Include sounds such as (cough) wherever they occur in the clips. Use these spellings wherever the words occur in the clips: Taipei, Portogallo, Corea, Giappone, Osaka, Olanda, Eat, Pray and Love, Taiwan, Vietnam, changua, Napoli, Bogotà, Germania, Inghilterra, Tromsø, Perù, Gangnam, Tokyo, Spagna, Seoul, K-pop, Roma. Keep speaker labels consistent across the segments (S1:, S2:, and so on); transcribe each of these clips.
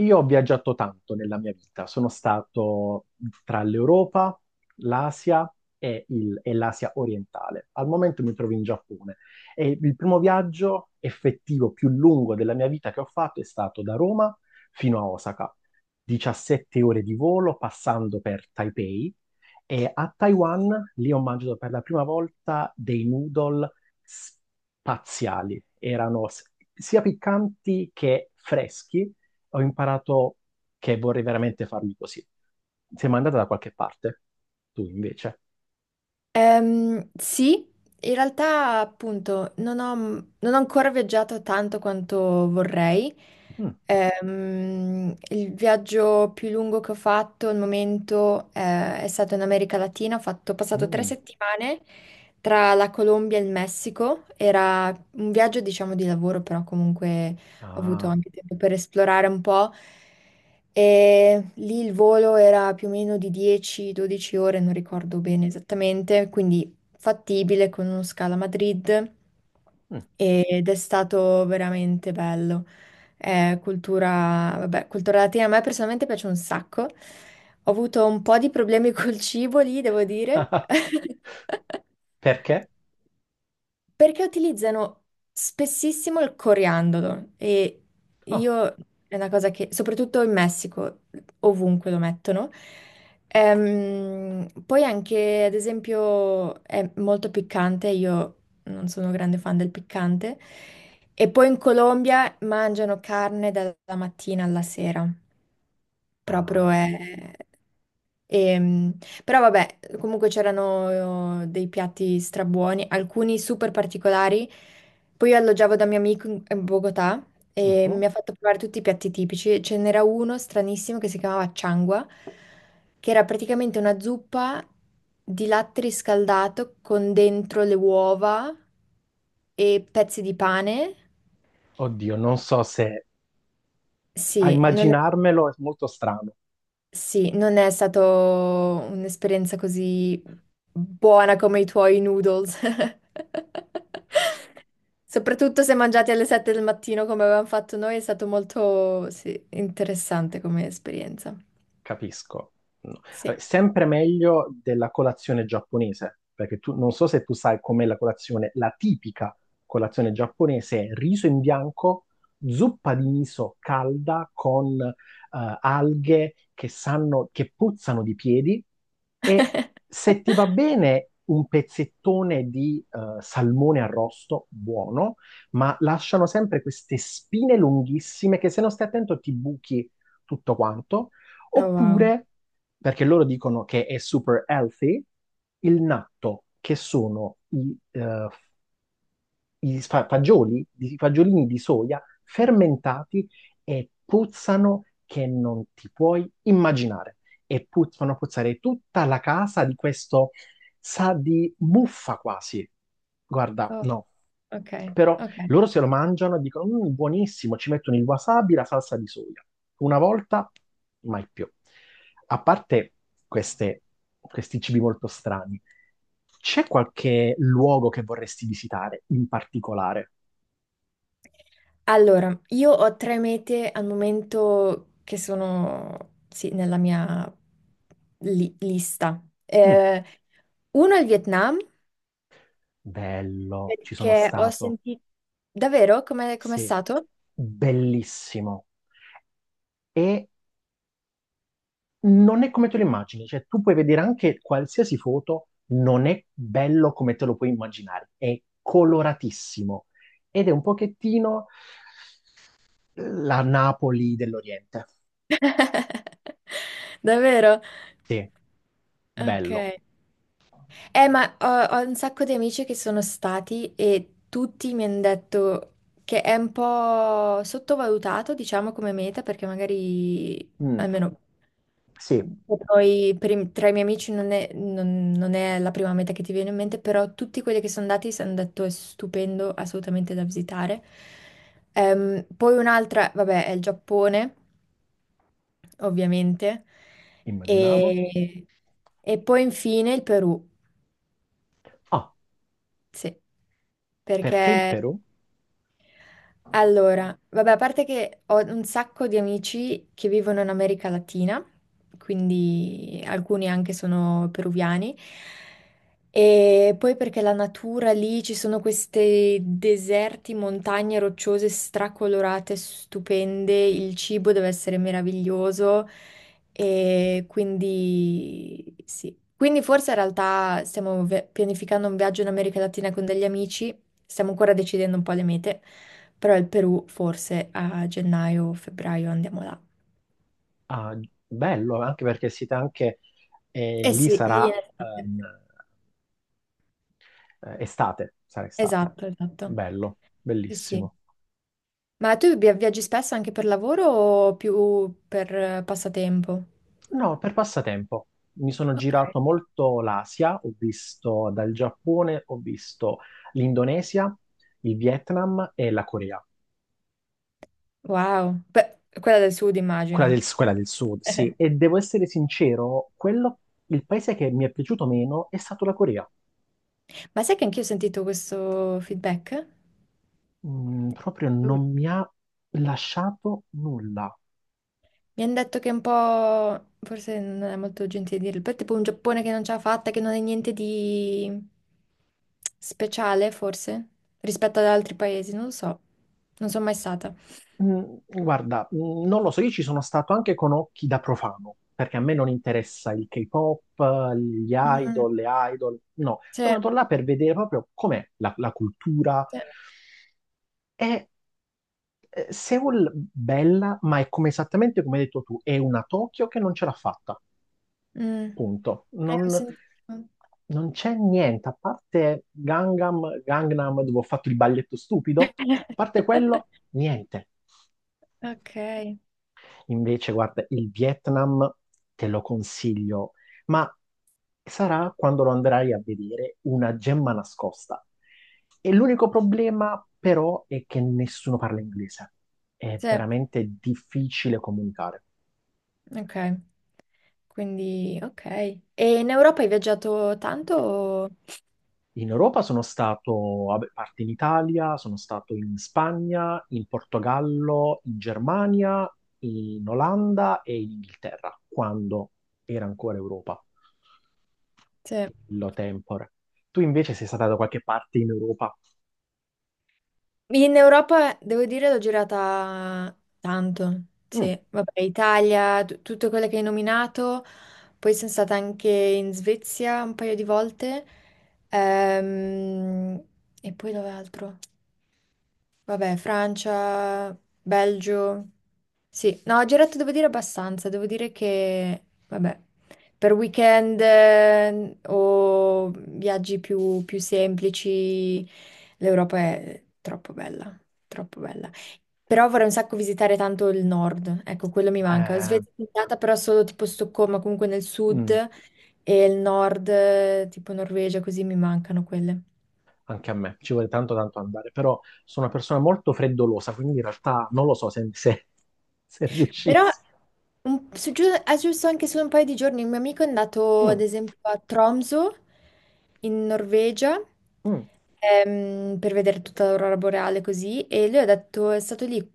S1: Io ho viaggiato tanto nella mia vita, sono stato tra l'Europa, l'Asia e l'Asia orientale. Al momento mi trovo in Giappone e il primo viaggio effettivo più lungo della mia vita che ho fatto è stato da Roma fino a Osaka, 17 ore di volo passando per Taipei e a Taiwan lì ho mangiato per la prima volta dei noodle spaziali, erano sia piccanti che freschi. Ho imparato che vorrei veramente farli così. Sei mai andata da qualche parte? Tu invece?
S2: Sì, in realtà appunto non ho ancora viaggiato tanto quanto vorrei.
S1: Mm,
S2: Il viaggio più lungo che ho fatto al momento è stato in America Latina. Ho passato tre
S1: mm,
S2: settimane tra la Colombia e il Messico. Era un viaggio, diciamo, di lavoro, però comunque ho avuto
S1: ah,
S2: anche tempo per esplorare un po'. E lì il volo era più o meno di 10-12 ore, non ricordo bene esattamente, quindi fattibile con uno scalo a Madrid,
S1: mm.
S2: ed è stato veramente bello. È cultura, vabbè, cultura latina, a me personalmente piace un sacco. Ho avuto un po' di problemi (laughs) col cibo lì, devo dire.
S1: (laughs)
S2: (laughs)
S1: Perché?
S2: Perché utilizzano spessissimo il coriandolo e
S1: Oh,
S2: io, è una cosa che, soprattutto in Messico, ovunque lo mettono. Poi anche, ad esempio, è molto piccante, io non sono grande fan del piccante, e poi in Colombia mangiano carne dalla mattina alla sera. Proprio
S1: ah,
S2: è... ehm, però vabbè, comunque c'erano dei piatti strabuoni, alcuni super particolari. Poi io alloggiavo da mio amico in Bogotà, e
S1: mhm.
S2: mi ha fatto provare tutti i piatti tipici. Ce n'era uno stranissimo che si chiamava changua, che era praticamente una zuppa di latte riscaldato con dentro le uova e pezzi di pane.
S1: Oddio, non so se a
S2: Sì, non è...
S1: immaginarmelo è molto strano.
S2: Sì, non è stato un'esperienza così buona come i tuoi noodles. (laughs) Soprattutto se mangiati alle 7 del mattino come avevamo fatto noi, è stato molto, sì, interessante come esperienza.
S1: Capisco. No.
S2: Sì.
S1: Vabbè, sempre meglio della colazione giapponese, perché tu non so se tu sai com'è la colazione, la tipica colazione giapponese è riso in bianco, zuppa di miso calda con alghe che sanno, che puzzano di piedi e
S2: (laughs)
S1: se ti va bene un pezzettone di salmone arrosto, buono, ma lasciano sempre queste spine lunghissime che se non stai attento ti buchi tutto quanto.
S2: Oh, wow.
S1: Oppure, perché loro dicono che è super healthy, il natto, che sono i fagioli, i fagiolini di soia fermentati e puzzano che non ti puoi immaginare. E fanno puzzare tutta la casa di questo, sa di muffa quasi. Guarda,
S2: Oh,
S1: no.
S2: ok,
S1: Però
S2: ok.
S1: loro se lo mangiano e dicono, "Mm, buonissimo, ci mettono il wasabi, la salsa di soia." Una volta, mai più. A parte queste- questi cibi molto strani, c'è qualche luogo che vorresti visitare in particolare?
S2: Allora, io ho tre mete al momento che sono, sì, nella mia lista.
S1: Mm,
S2: Uno è il Vietnam.
S1: bello, ci sono
S2: Perché ho
S1: stato,
S2: sentito... Davvero? Come è
S1: sì,
S2: stato?
S1: bellissimo. E non è come te lo immagini, cioè tu puoi vedere anche qualsiasi foto, non è bello come te lo puoi immaginare, è coloratissimo ed è un pochettino la Napoli dell'Oriente.
S2: (laughs) Davvero?
S1: Sì,
S2: Ok.
S1: bello.
S2: Ma ho un sacco di amici che sono stati e tutti mi hanno detto che è un po' sottovalutato, diciamo, come meta, perché magari,
S1: Mm,
S2: almeno
S1: sì,
S2: tra i miei amici non è la prima meta che ti viene in mente, però tutti quelli che sono andati si hanno detto è stupendo, assolutamente da visitare. Poi un'altra, vabbè, è il Giappone, ovviamente,
S1: immaginavo.
S2: e, e poi infine il Perù.
S1: Ah,
S2: Sì,
S1: perché il
S2: perché...
S1: Perù?
S2: Allora, vabbè, a parte che ho un sacco di amici che vivono in America Latina, quindi alcuni anche sono peruviani, e poi perché la natura lì, ci sono questi deserti, montagne rocciose stracolorate, stupende, il cibo deve essere meraviglioso, e quindi sì. Quindi forse in realtà stiamo pianificando un viaggio in America Latina con degli amici, stiamo ancora decidendo un po' le mete. Però il Perù forse a gennaio o febbraio andiamo là.
S1: Ah, bello, anche perché siete anche
S2: Eh
S1: lì
S2: sì,
S1: sarà
S2: lì in estate.
S1: ehm, estate, sarà estate.
S2: Esatto, esatto.
S1: Bello,
S2: Sì, sì.
S1: bellissimo.
S2: Ma tu viaggi spesso anche per lavoro o più per passatempo?
S1: No, per passatempo. Mi sono
S2: Ok.
S1: girato molto l'Asia, ho visto dal Giappone, ho visto l'Indonesia, il Vietnam e la Corea.
S2: Wow. Beh, quella del sud
S1: Quella
S2: immagino.
S1: del, quella del sud, sì.
S2: (laughs)
S1: E devo essere sincero, quello, il paese che mi è piaciuto meno è stato la Corea.
S2: Ma sai che anch'io ho sentito questo feedback?
S1: Mm, proprio non mi ha lasciato nulla.
S2: Mi hanno detto che è un po', forse non è molto gentile dirlo, però è tipo un Giappone che non ce l'ha fatta, che non è niente di speciale, forse, rispetto ad altri paesi, non lo so. Non sono mai stata.
S1: Mm, guarda, non lo so, io ci sono stato anche con occhi da profano, perché a me non interessa il K-pop, gli
S2: Mm,
S1: idol, le idol, no, sono
S2: Cioè,
S1: andato là per vedere proprio com'è la cultura.
S2: cioè,
S1: È Seoul bella, ma è come esattamente come hai detto tu, è una Tokyo che non ce l'ha fatta,
S2: mm,
S1: punto.
S2: ho
S1: Non,
S2: sentito.
S1: non c'è niente, a parte Gangnam, Gangnam dove ho fatto il balletto stupido, a parte quello,
S2: (laughs)
S1: niente.
S2: Ok,
S1: Invece, guarda, il Vietnam te lo consiglio, ma sarà quando lo andrai a vedere una gemma nascosta. E l'unico problema, però, è che nessuno parla inglese. È
S2: cioè,
S1: veramente difficile comunicare.
S2: ok, quindi ok. E in Europa hai viaggiato tanto?
S1: In Europa sono stato, vabbè, a parte in Italia, sono stato in Spagna, in Portogallo, in Germania, in Olanda e in Inghilterra, quando era ancora Europa,
S2: Sì.
S1: lo tempore. Tu invece sei stata da qualche parte in Europa?
S2: In Europa, devo dire, l'ho girata tanto.
S1: Mm,
S2: Sì, vabbè, Italia, tutte quelle che hai nominato. Poi sono stata anche in Svezia un paio di volte. Ehm, e poi dove altro? Vabbè, Francia, Belgio. Sì, no, ho girato, devo dire, abbastanza. Devo dire che, vabbè, per weekend o viaggi più semplici, l'Europa è troppo bella, troppo bella. Però vorrei un sacco visitare tanto il nord, ecco, quello mi manca.
S1: eh,
S2: Svezia è andata, però solo tipo Stoccolma, comunque nel sud,
S1: mm,
S2: e il nord, tipo Norvegia, così mi mancano quelle.
S1: anche a me, ci vuole tanto tanto andare, però sono una persona molto freddolosa, quindi in realtà non lo so se
S2: Però
S1: riuscissi.
S2: giusto anche solo un paio di giorni, un mio amico è andato ad
S1: Mm,
S2: esempio a Tromsø in Norvegia
S1: mm,
S2: per vedere tutta l'aurora boreale così, e lui ha detto è stato lì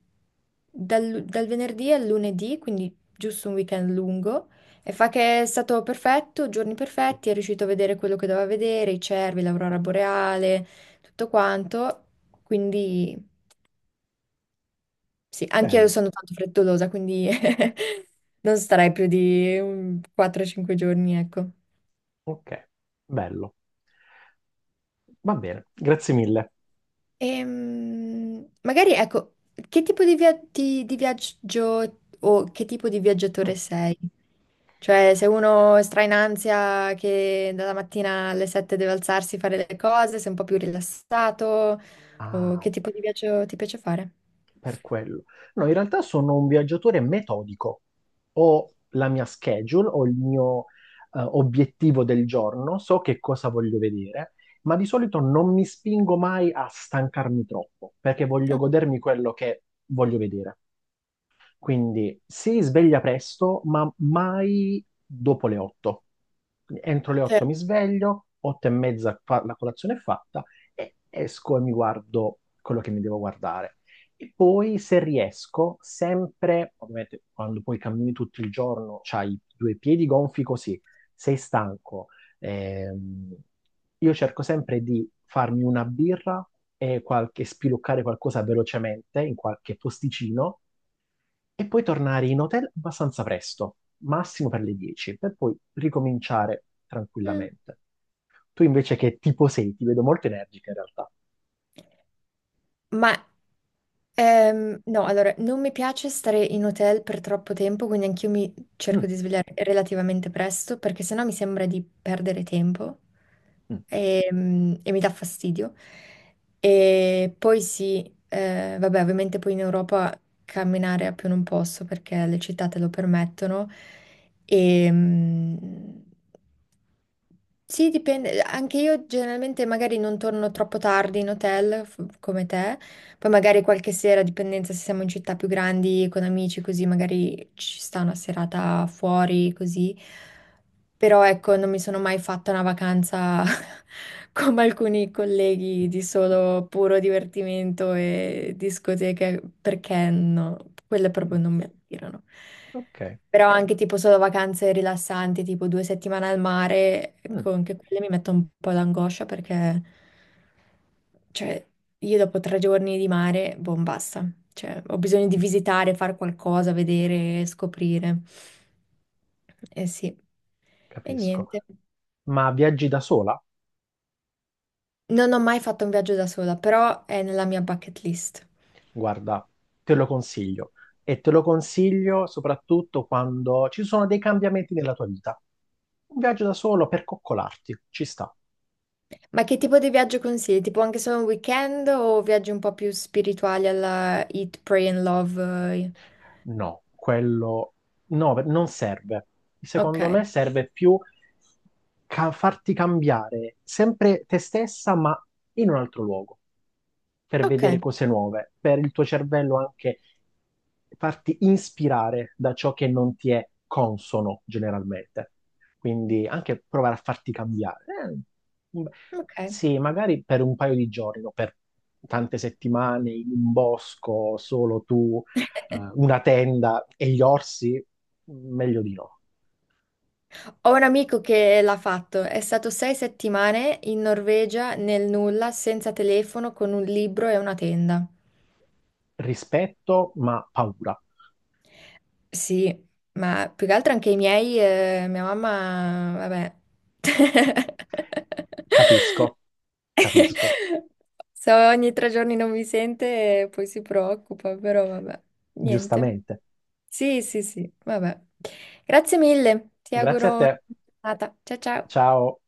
S2: dal venerdì al lunedì, quindi giusto un weekend lungo, e fa che è stato perfetto, giorni perfetti, è riuscito a vedere quello che doveva vedere, i cervi, l'aurora boreale, tutto quanto, quindi... Sì, anch'io
S1: bello,
S2: sono tanto frettolosa, quindi (laughs) non starei più di un 4-5 giorni, ecco.
S1: ok, bello. Va bene, grazie mille.
S2: Magari, ecco, che tipo di, di viaggio, o che tipo di
S1: Mm.
S2: viaggiatore sei? Cioè, se uno stra in ansia che dalla mattina alle 7 deve alzarsi, fare le cose, sei un po' più rilassato, o
S1: Ah,
S2: che tipo di viaggio ti piace fare?
S1: per quello. No, in realtà sono un viaggiatore metodico. Ho la mia schedule, ho il mio obiettivo del giorno, so che cosa voglio vedere, ma di solito non mi spingo mai a stancarmi troppo, perché voglio
S2: No,
S1: godermi quello che voglio vedere. Quindi si sveglia presto, ma mai dopo le 8. Quindi entro le
S2: cioè,
S1: 8 mi sveglio, 8 e mezza la colazione è fatta e esco e mi guardo quello che mi devo guardare. E poi se riesco, sempre, ovviamente quando poi cammini tutto il giorno, c'hai i due piedi gonfi così, sei stanco, ehm, io cerco sempre di farmi una birra e qualche, spiluccare qualcosa velocemente in qualche posticino e poi tornare in hotel abbastanza presto, massimo per le 10, per poi ricominciare
S2: mm.
S1: tranquillamente. Tu invece che tipo sei, ti vedo molto energica in realtà.
S2: Ma no, allora, non mi piace stare in hotel per troppo tempo, quindi anch'io mi cerco
S1: Mm,
S2: di svegliare relativamente presto, perché sennò mi sembra di perdere tempo
S1: mm,
S2: e, mi dà fastidio. E poi sì, vabbè, ovviamente poi in Europa camminare a più non posso, perché le città te lo permettono. E, sì, dipende. Anche io generalmente magari non torno troppo tardi in hotel come te, poi magari qualche sera, a dipendenza se siamo in città più grandi con amici, così magari ci sta una serata fuori, così. Però ecco, non mi sono mai fatta una vacanza (laughs) come alcuni colleghi, di solo puro divertimento e discoteche, perché no, quelle
S1: mm,
S2: proprio non mi attirano.
S1: ok,
S2: Però anche tipo solo vacanze rilassanti, tipo 2 settimane al mare,
S1: mm,
S2: ecco, anche quelle mi mettono un po' d'angoscia, perché, cioè, io dopo 3 giorni di mare, boh, basta. Cioè, ho bisogno di visitare, fare qualcosa, vedere, scoprire. Eh sì, e
S1: capisco.
S2: niente.
S1: Ma viaggi da sola?
S2: Non ho mai fatto un viaggio da sola, però è nella mia bucket list.
S1: Guarda, te lo consiglio. E te lo consiglio soprattutto quando ci sono dei cambiamenti nella tua vita. Un viaggio da solo per coccolarti, ci sta.
S2: Ma che tipo di viaggio consigli? Tipo anche solo un weekend, o viaggi un po' più spirituali alla Eat, Pray and Love? Eh?
S1: No, quello no, non serve. Secondo me
S2: Ok.
S1: serve più farti cambiare sempre te stessa, ma in un altro luogo, per
S2: Ok,
S1: vedere cose nuove, per il tuo cervello anche farti ispirare da ciò che non ti è consono generalmente. Quindi anche provare a farti cambiare. Un-
S2: ok.
S1: sì, magari per un paio di giorni, no? Per tante settimane in un bosco, solo tu
S2: (laughs)
S1: una tenda e gli orsi, meglio di no.
S2: Ho un amico che l'ha fatto, è stato 6 settimane in Norvegia nel nulla, senza telefono, con un libro e una tenda.
S1: Rispetto, ma paura.
S2: Sì, ma più che altro anche i miei, mia mamma, vabbè. (laughs)
S1: Capisco, capisco,
S2: Se ogni 3 giorni non mi sente, poi si preoccupa, però vabbè, niente.
S1: giustamente.
S2: Sì, sì, sì, vabbè. Grazie mille, ti
S1: Grazie a
S2: auguro una
S1: te.
S2: buona giornata. Ciao ciao.
S1: Ciao.